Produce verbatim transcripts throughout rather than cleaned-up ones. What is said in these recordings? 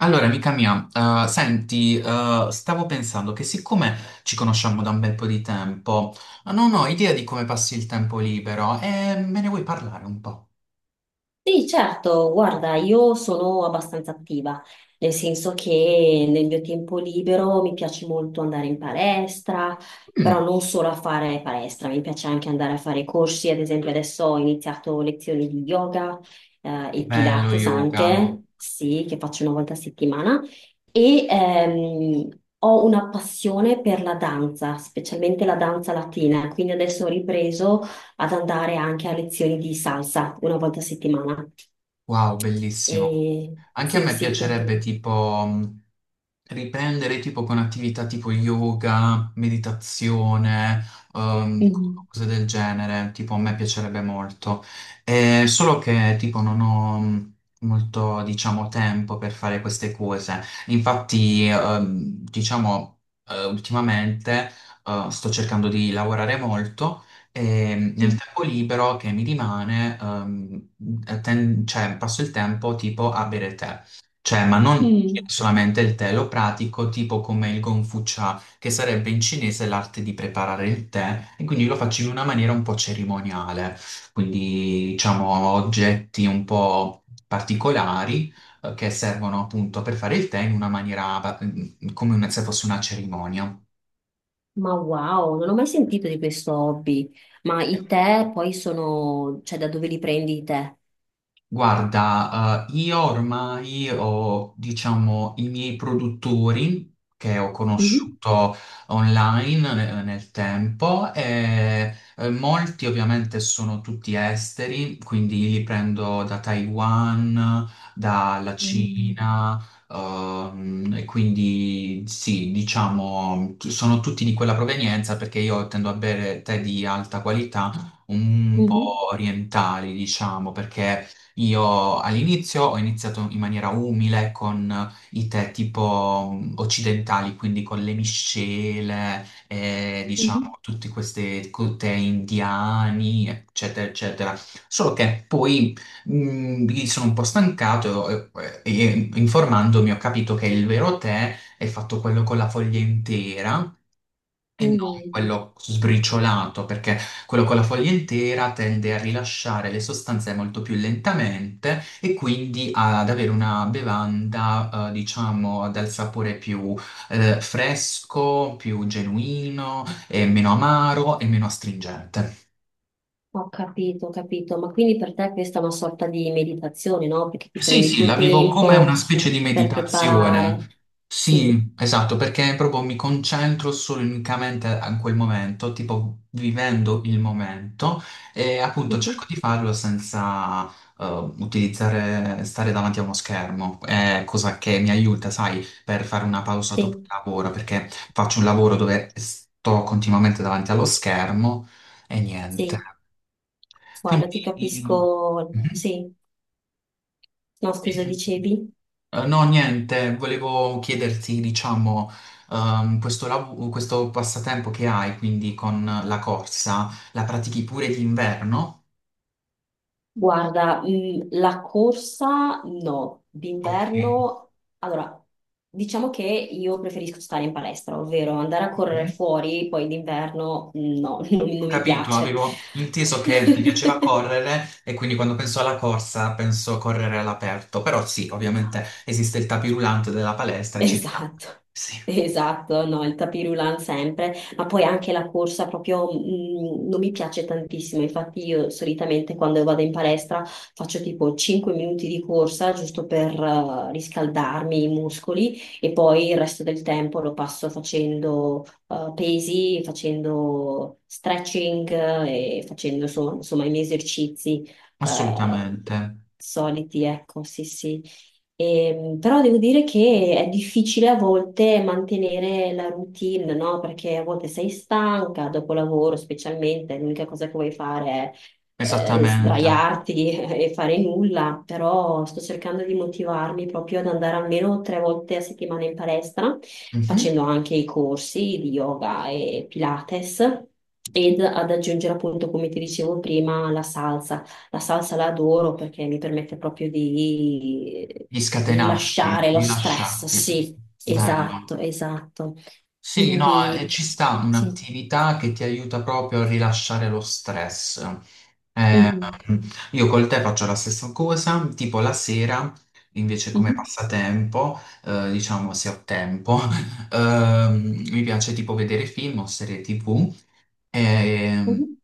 Allora, amica mia, eh, senti, eh, stavo pensando che siccome ci conosciamo da un bel po' di tempo, non ho idea di come passi il tempo libero e me ne vuoi parlare un po'? Sì, certo, guarda, io sono abbastanza attiva, nel senso che nel mio tempo libero mi piace molto andare in palestra, però Mm, non solo a fare palestra, mi piace anche andare a fare corsi, ad esempio adesso ho iniziato lezioni di yoga, eh, e bello Pilates yoga. anche, sì, che faccio una volta a settimana, e ehm, ho una passione per la danza, specialmente la danza latina, quindi adesso ho ripreso ad andare anche a lezioni di salsa una volta a settimana. Wow, bellissimo. E Anche a sì, me sì, piacerebbe quindi. tipo, mh, riprendere tipo con attività tipo yoga, meditazione, ehm, Mhm. cose del genere, tipo a me piacerebbe molto. Eh, solo che tipo non ho mh, molto, diciamo, tempo per fare queste cose. Infatti, ehm, diciamo, eh, ultimamente, eh, sto cercando di lavorare molto. E mm, nel tempo libero che mi rimane, ehm, atten- cioè, passo il tempo tipo a bere tè. Cioè, ma non Mm. solamente il tè, lo pratico tipo come il Gongfu Cha, che sarebbe in cinese l'arte di preparare il tè, e quindi lo faccio in una maniera un po' cerimoniale, quindi diciamo oggetti un po' particolari eh, che servono appunto per fare il tè in una maniera va- come se fosse una cerimonia. Ma wow, non ho mai sentito di questo hobby. Ma i tè poi sono, cioè da dove li prendi i tè? Guarda, eh, io ormai ho, diciamo, i miei produttori che ho Mhm. conosciuto online eh, nel tempo e eh, molti ovviamente sono tutti esteri, quindi li prendo da Taiwan, dalla Mm. Cina, ehm, e quindi sì, diciamo, t- sono tutti di quella provenienza perché io tendo a bere tè di alta qualità, un Mhm, po' orientali, diciamo, perché io all'inizio ho iniziato in maniera umile con i tè tipo mh, occidentali, quindi con le miscele, e mhm, diciamo tutti questi co- tè indiani, eccetera, eccetera. Solo che poi mh, mi sono un po' stancato e, e- e informandomi ho capito che il vero tè è fatto quello con la foglia intera e non mhm. quello sbriciolato, perché quello con la foglia intera tende a rilasciare le sostanze molto più lentamente e quindi ad avere una bevanda, eh, diciamo, dal sapore più, eh, fresco, più genuino, e meno amaro e meno astringente. Ho capito, ho capito. Ma quindi per te questa è una sorta di meditazione, no? Perché ti Sì, prendi il sì, tuo la vivo come tempo una specie di per preparare. meditazione. Sì, Sì, esatto, perché proprio mi concentro solo e unicamente a quel momento, tipo vivendo il momento e appunto mhm, cerco di farlo senza eh, utilizzare, stare davanti a uno schermo. È cosa che mi aiuta, sai, per fare una pausa dopo il sì, lavoro, perché faccio un lavoro dove sto continuamente davanti allo schermo e niente. sì. Guarda, ti Quindi... capisco, sì, no, scusa, Mhm. dicevi? Eh, No, niente, volevo chiederti, diciamo, ehm, questo, lav- questo passatempo che hai, quindi con la corsa, la pratichi pure d'inverno? Guarda, mh, la corsa no, Ok. d'inverno, allora, diciamo che io preferisco stare in palestra, ovvero andare a correre Mhm. fuori, poi d'inverno no, non, Ho non mi capito, piace. avevo inteso che ti piaceva correre e quindi quando penso alla corsa penso a correre all'aperto, però sì, ovviamente esiste il tapirulante della palestra, e ci sta. Esatto, Sì, esatto, no, il tapirulan sempre, ma poi anche la corsa proprio mm, non mi piace tantissimo, infatti io solitamente quando vado in palestra faccio tipo cinque minuti di corsa giusto per eh, riscaldarmi i muscoli e poi il resto del tempo lo passo facendo eh, pesi, facendo stretching eh, e facendo so- insomma i miei esercizi eh, assolutamente, soliti, ecco, sì sì. E, però devo dire che è difficile a volte mantenere la routine, no? Perché a volte sei stanca dopo lavoro, specialmente, l'unica cosa che vuoi fare è eh, esattamente. sdraiarti e fare nulla, però sto cercando di motivarmi proprio ad andare almeno tre volte a settimana in palestra, Mhm. facendo anche i corsi di yoga e Pilates. Ed ad aggiungere appunto, come ti dicevo prima, la salsa. La salsa la adoro perché mi permette proprio di Di scatenarti, rilasciare lo stress, rilasciarti, sì, esatto, bello. esatto. Sì, no, eh, Quindi, ci sta sì. un'attività che ti aiuta proprio a rilasciare lo stress. Mhm, Mm. Io col te faccio la stessa cosa, tipo la sera, invece come mhm, passatempo, eh, diciamo se ho tempo, ehm, mi piace tipo vedere film o serie ti vu. ehm, mhm,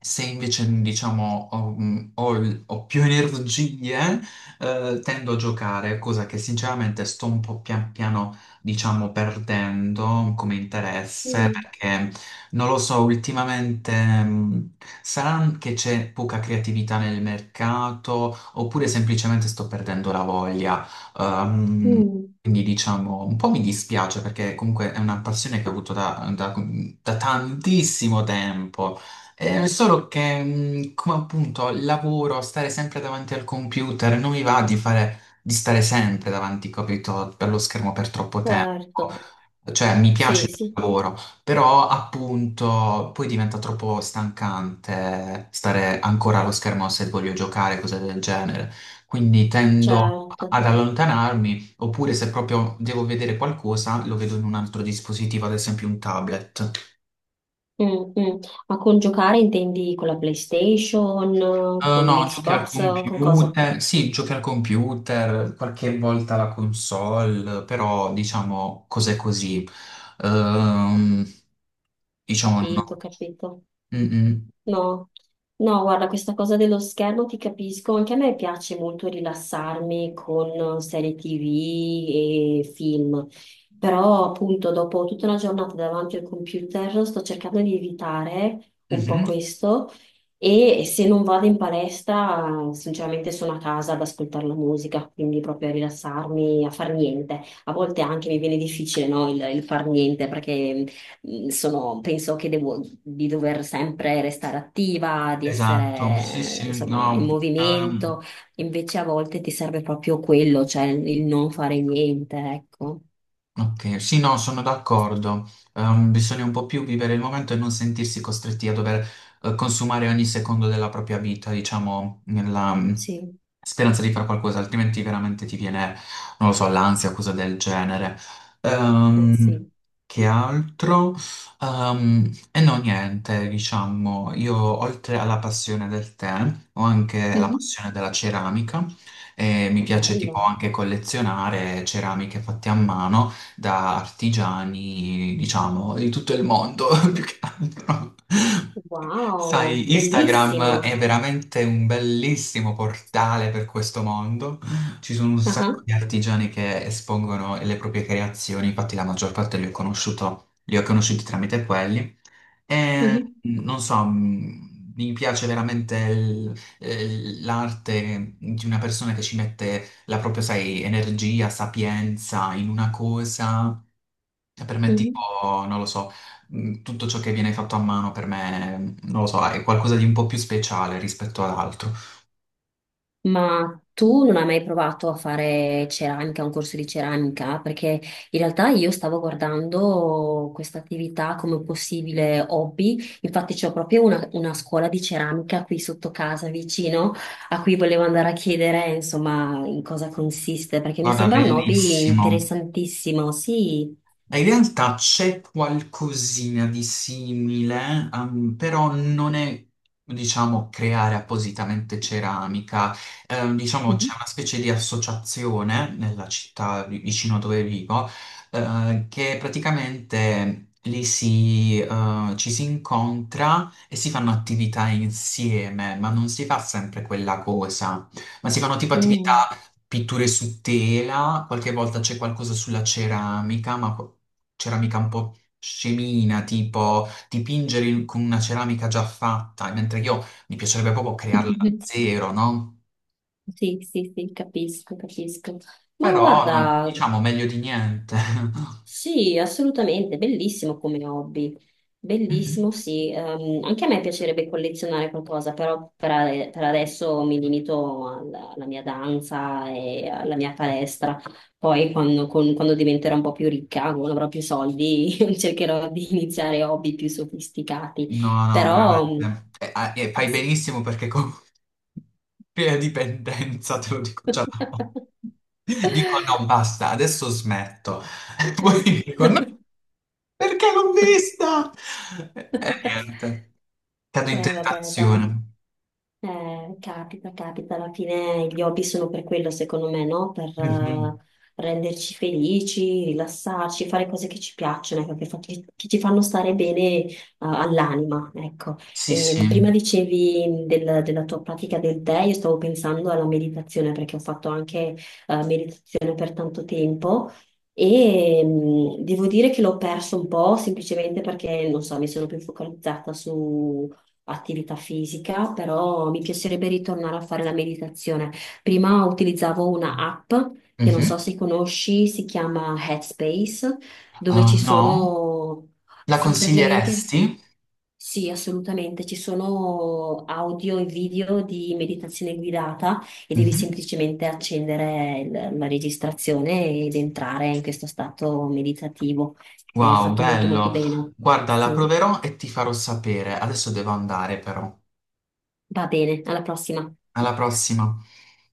Se invece, diciamo, ho, mm, ho il- ho più energie, eh, tendo a giocare, cosa che sinceramente sto un po' pian piano, diciamo, perdendo come interesse, mhm, perché non lo so, ultimamente, mh, sarà che c'è poca creatività nel mercato, oppure semplicemente sto perdendo la voglia. Ehm, mhm. Quindi diciamo, un po' mi dispiace perché comunque è una passione che ho avuto da da- da tantissimo tempo. Eh, solo che, mh, come appunto lavoro, stare sempre davanti al computer, non mi va di fare, di stare sempre davanti, capito, per lo schermo per troppo tempo. Certo, Cioè, mi piace sì, il sì, lavoro, però appunto poi diventa troppo stancante stare ancora allo schermo se voglio giocare, cose del genere. Quindi tendo certo. ad allontanarmi, oppure se proprio devo vedere qualcosa, lo vedo in un altro dispositivo, ad esempio un tablet. Mm, mm. Ma con giocare intendi con la PlayStation, Eh, con no, giochi al l'Xbox, con cosa? computer, sì, giochi al computer, qualche volta la console, però diciamo cose così. Ehm, diciamo Capito, no. capito. Mm, mm. No, no, guarda, questa cosa dello schermo ti capisco, anche a me piace molto rilassarmi con serie T V e film, però appunto dopo tutta una giornata davanti al computer sto cercando di evitare un po' Mhm. questo e se non vado in palestra sinceramente sono a casa ad ascoltare la musica, quindi proprio a rilassarmi, a far niente. A volte anche mi viene difficile, no, il, il far niente perché Mhmm, sono- penso che devo, di dover sempre restare attiva, di Esatto, sì, essere, eh, sì, insomma, in no. movimento, invece a volte ti serve proprio quello, cioè il non fare niente, ecco. Ok, sì, no, sono d'accordo. Ehm, bisogna un po' più vivere il momento e non sentirsi costretti a dover eh, consumare ogni secondo della propria vita, diciamo, nella mm, Sì, speranza di fare qualcosa, altrimenti veramente ti viene, non lo so, l'ansia, cosa del genere. eh Ehm, sì. che altro? Ehm, e no, niente, diciamo, io oltre alla passione del tè, ho anche la Mhm. passione della ceramica e mi piace tipo Bello, anche collezionare ceramiche fatte a mano da artigiani, diciamo, di tutto il mondo, più che altro. wow, Sai, Instagram bellissimo. è veramente un bellissimo portale per questo mondo. Ci sono un Ah, sacco ah. di artigiani che espongono le proprie creazioni, infatti la maggior parte li ho conosciuto, li ho conosciuti tramite quelli. E Mhm, non so, mh, mi piace veramente il- eh, l'arte di una persona che ci mette la propria, sai, energia, sapienza in una cosa cioè, per me, tipo, mhm. non lo so, mh, tutto ciò che viene fatto a mano per me, non lo so, è qualcosa di un po' più speciale rispetto ad altro. Ma tu non hai mai provato a fare ceramica, un corso di ceramica? Perché in realtà io stavo guardando questa attività come possibile hobby, infatti c'ho proprio una, una scuola di ceramica qui sotto casa vicino, a cui volevo andare a chiedere insomma in cosa consiste, perché mi Guarda, sembra un hobby bellissimo. interessantissimo, sì. In realtà c'è qualcosina di simile, ehm, però non è, diciamo, creare appositamente ceramica. Ehm, diciamo, Mhm. c'è una specie di associazione nella città vi- vicino a dove vivo, eh, che praticamente lì si, eh, ci si incontra e si fanno attività insieme, ma non si fa sempre quella cosa, ma si fanno tipo Mm. attività pitture su tela, qualche volta c'è qualcosa sulla ceramica, ma ceramica un po' scemina, tipo dipingere in- con una ceramica già fatta, mentre io mi piacerebbe proprio crearla da zero, no? Sì, sì, sì, capisco, capisco. Ma Però non, guarda. diciamo meglio di niente. Sì, assolutamente, bellissimo come hobby, bellissimo, sì. Ehm, anche a me piacerebbe collezionare qualcosa, però per, a- per adesso mi limito alla, alla mia danza e alla mia palestra. Poi quando, con- quando diventerò un po' più ricca, quando avrò più soldi, cercherò di iniziare hobby più sofisticati. No, no, veramente. Però, mm, E, ah, e fai sì. benissimo perché con crea dipendenza, te lo dico già. da ora. Dico no, basta, adesso smetto. E poi dico no, perché l'ho vista? E, e niente, cado in Eh, vabbè, dai. tentazione. Eh, capita, capita, alla fine gli hobby sono per quello, secondo me, no? Per eh, Mhm. renderci felici, rilassarci, fare cose che ci piacciono, ecco, che, fa- che- che ci fanno stare bene eh, all'anima, ecco. Sì, E sì. prima dicevi del- della tua pratica del tè, io stavo pensando alla meditazione perché ho fatto anche eh, meditazione per tanto tempo. E mm, devo dire che l'ho perso un po' semplicemente perché, non so, mi sono più focalizzata attività fisica, però mi piacerebbe ritornare a fare la meditazione. Prima utilizzavo una app che non so Mhm. se conosci, si chiama Headspace, dove Ah, ci no? sono, La sì, praticamente, consiglieresti? sì, assolutamente, ci sono audio e video di meditazione guidata e devi Mhm. semplicemente accendere il- la registrazione ed entrare in questo stato meditativo. È Wow, fatto molto molto bello. bene. Guarda, la Sì, proverò e ti farò sapere. Adesso devo andare, però. va bene, alla prossima. Alla prossima.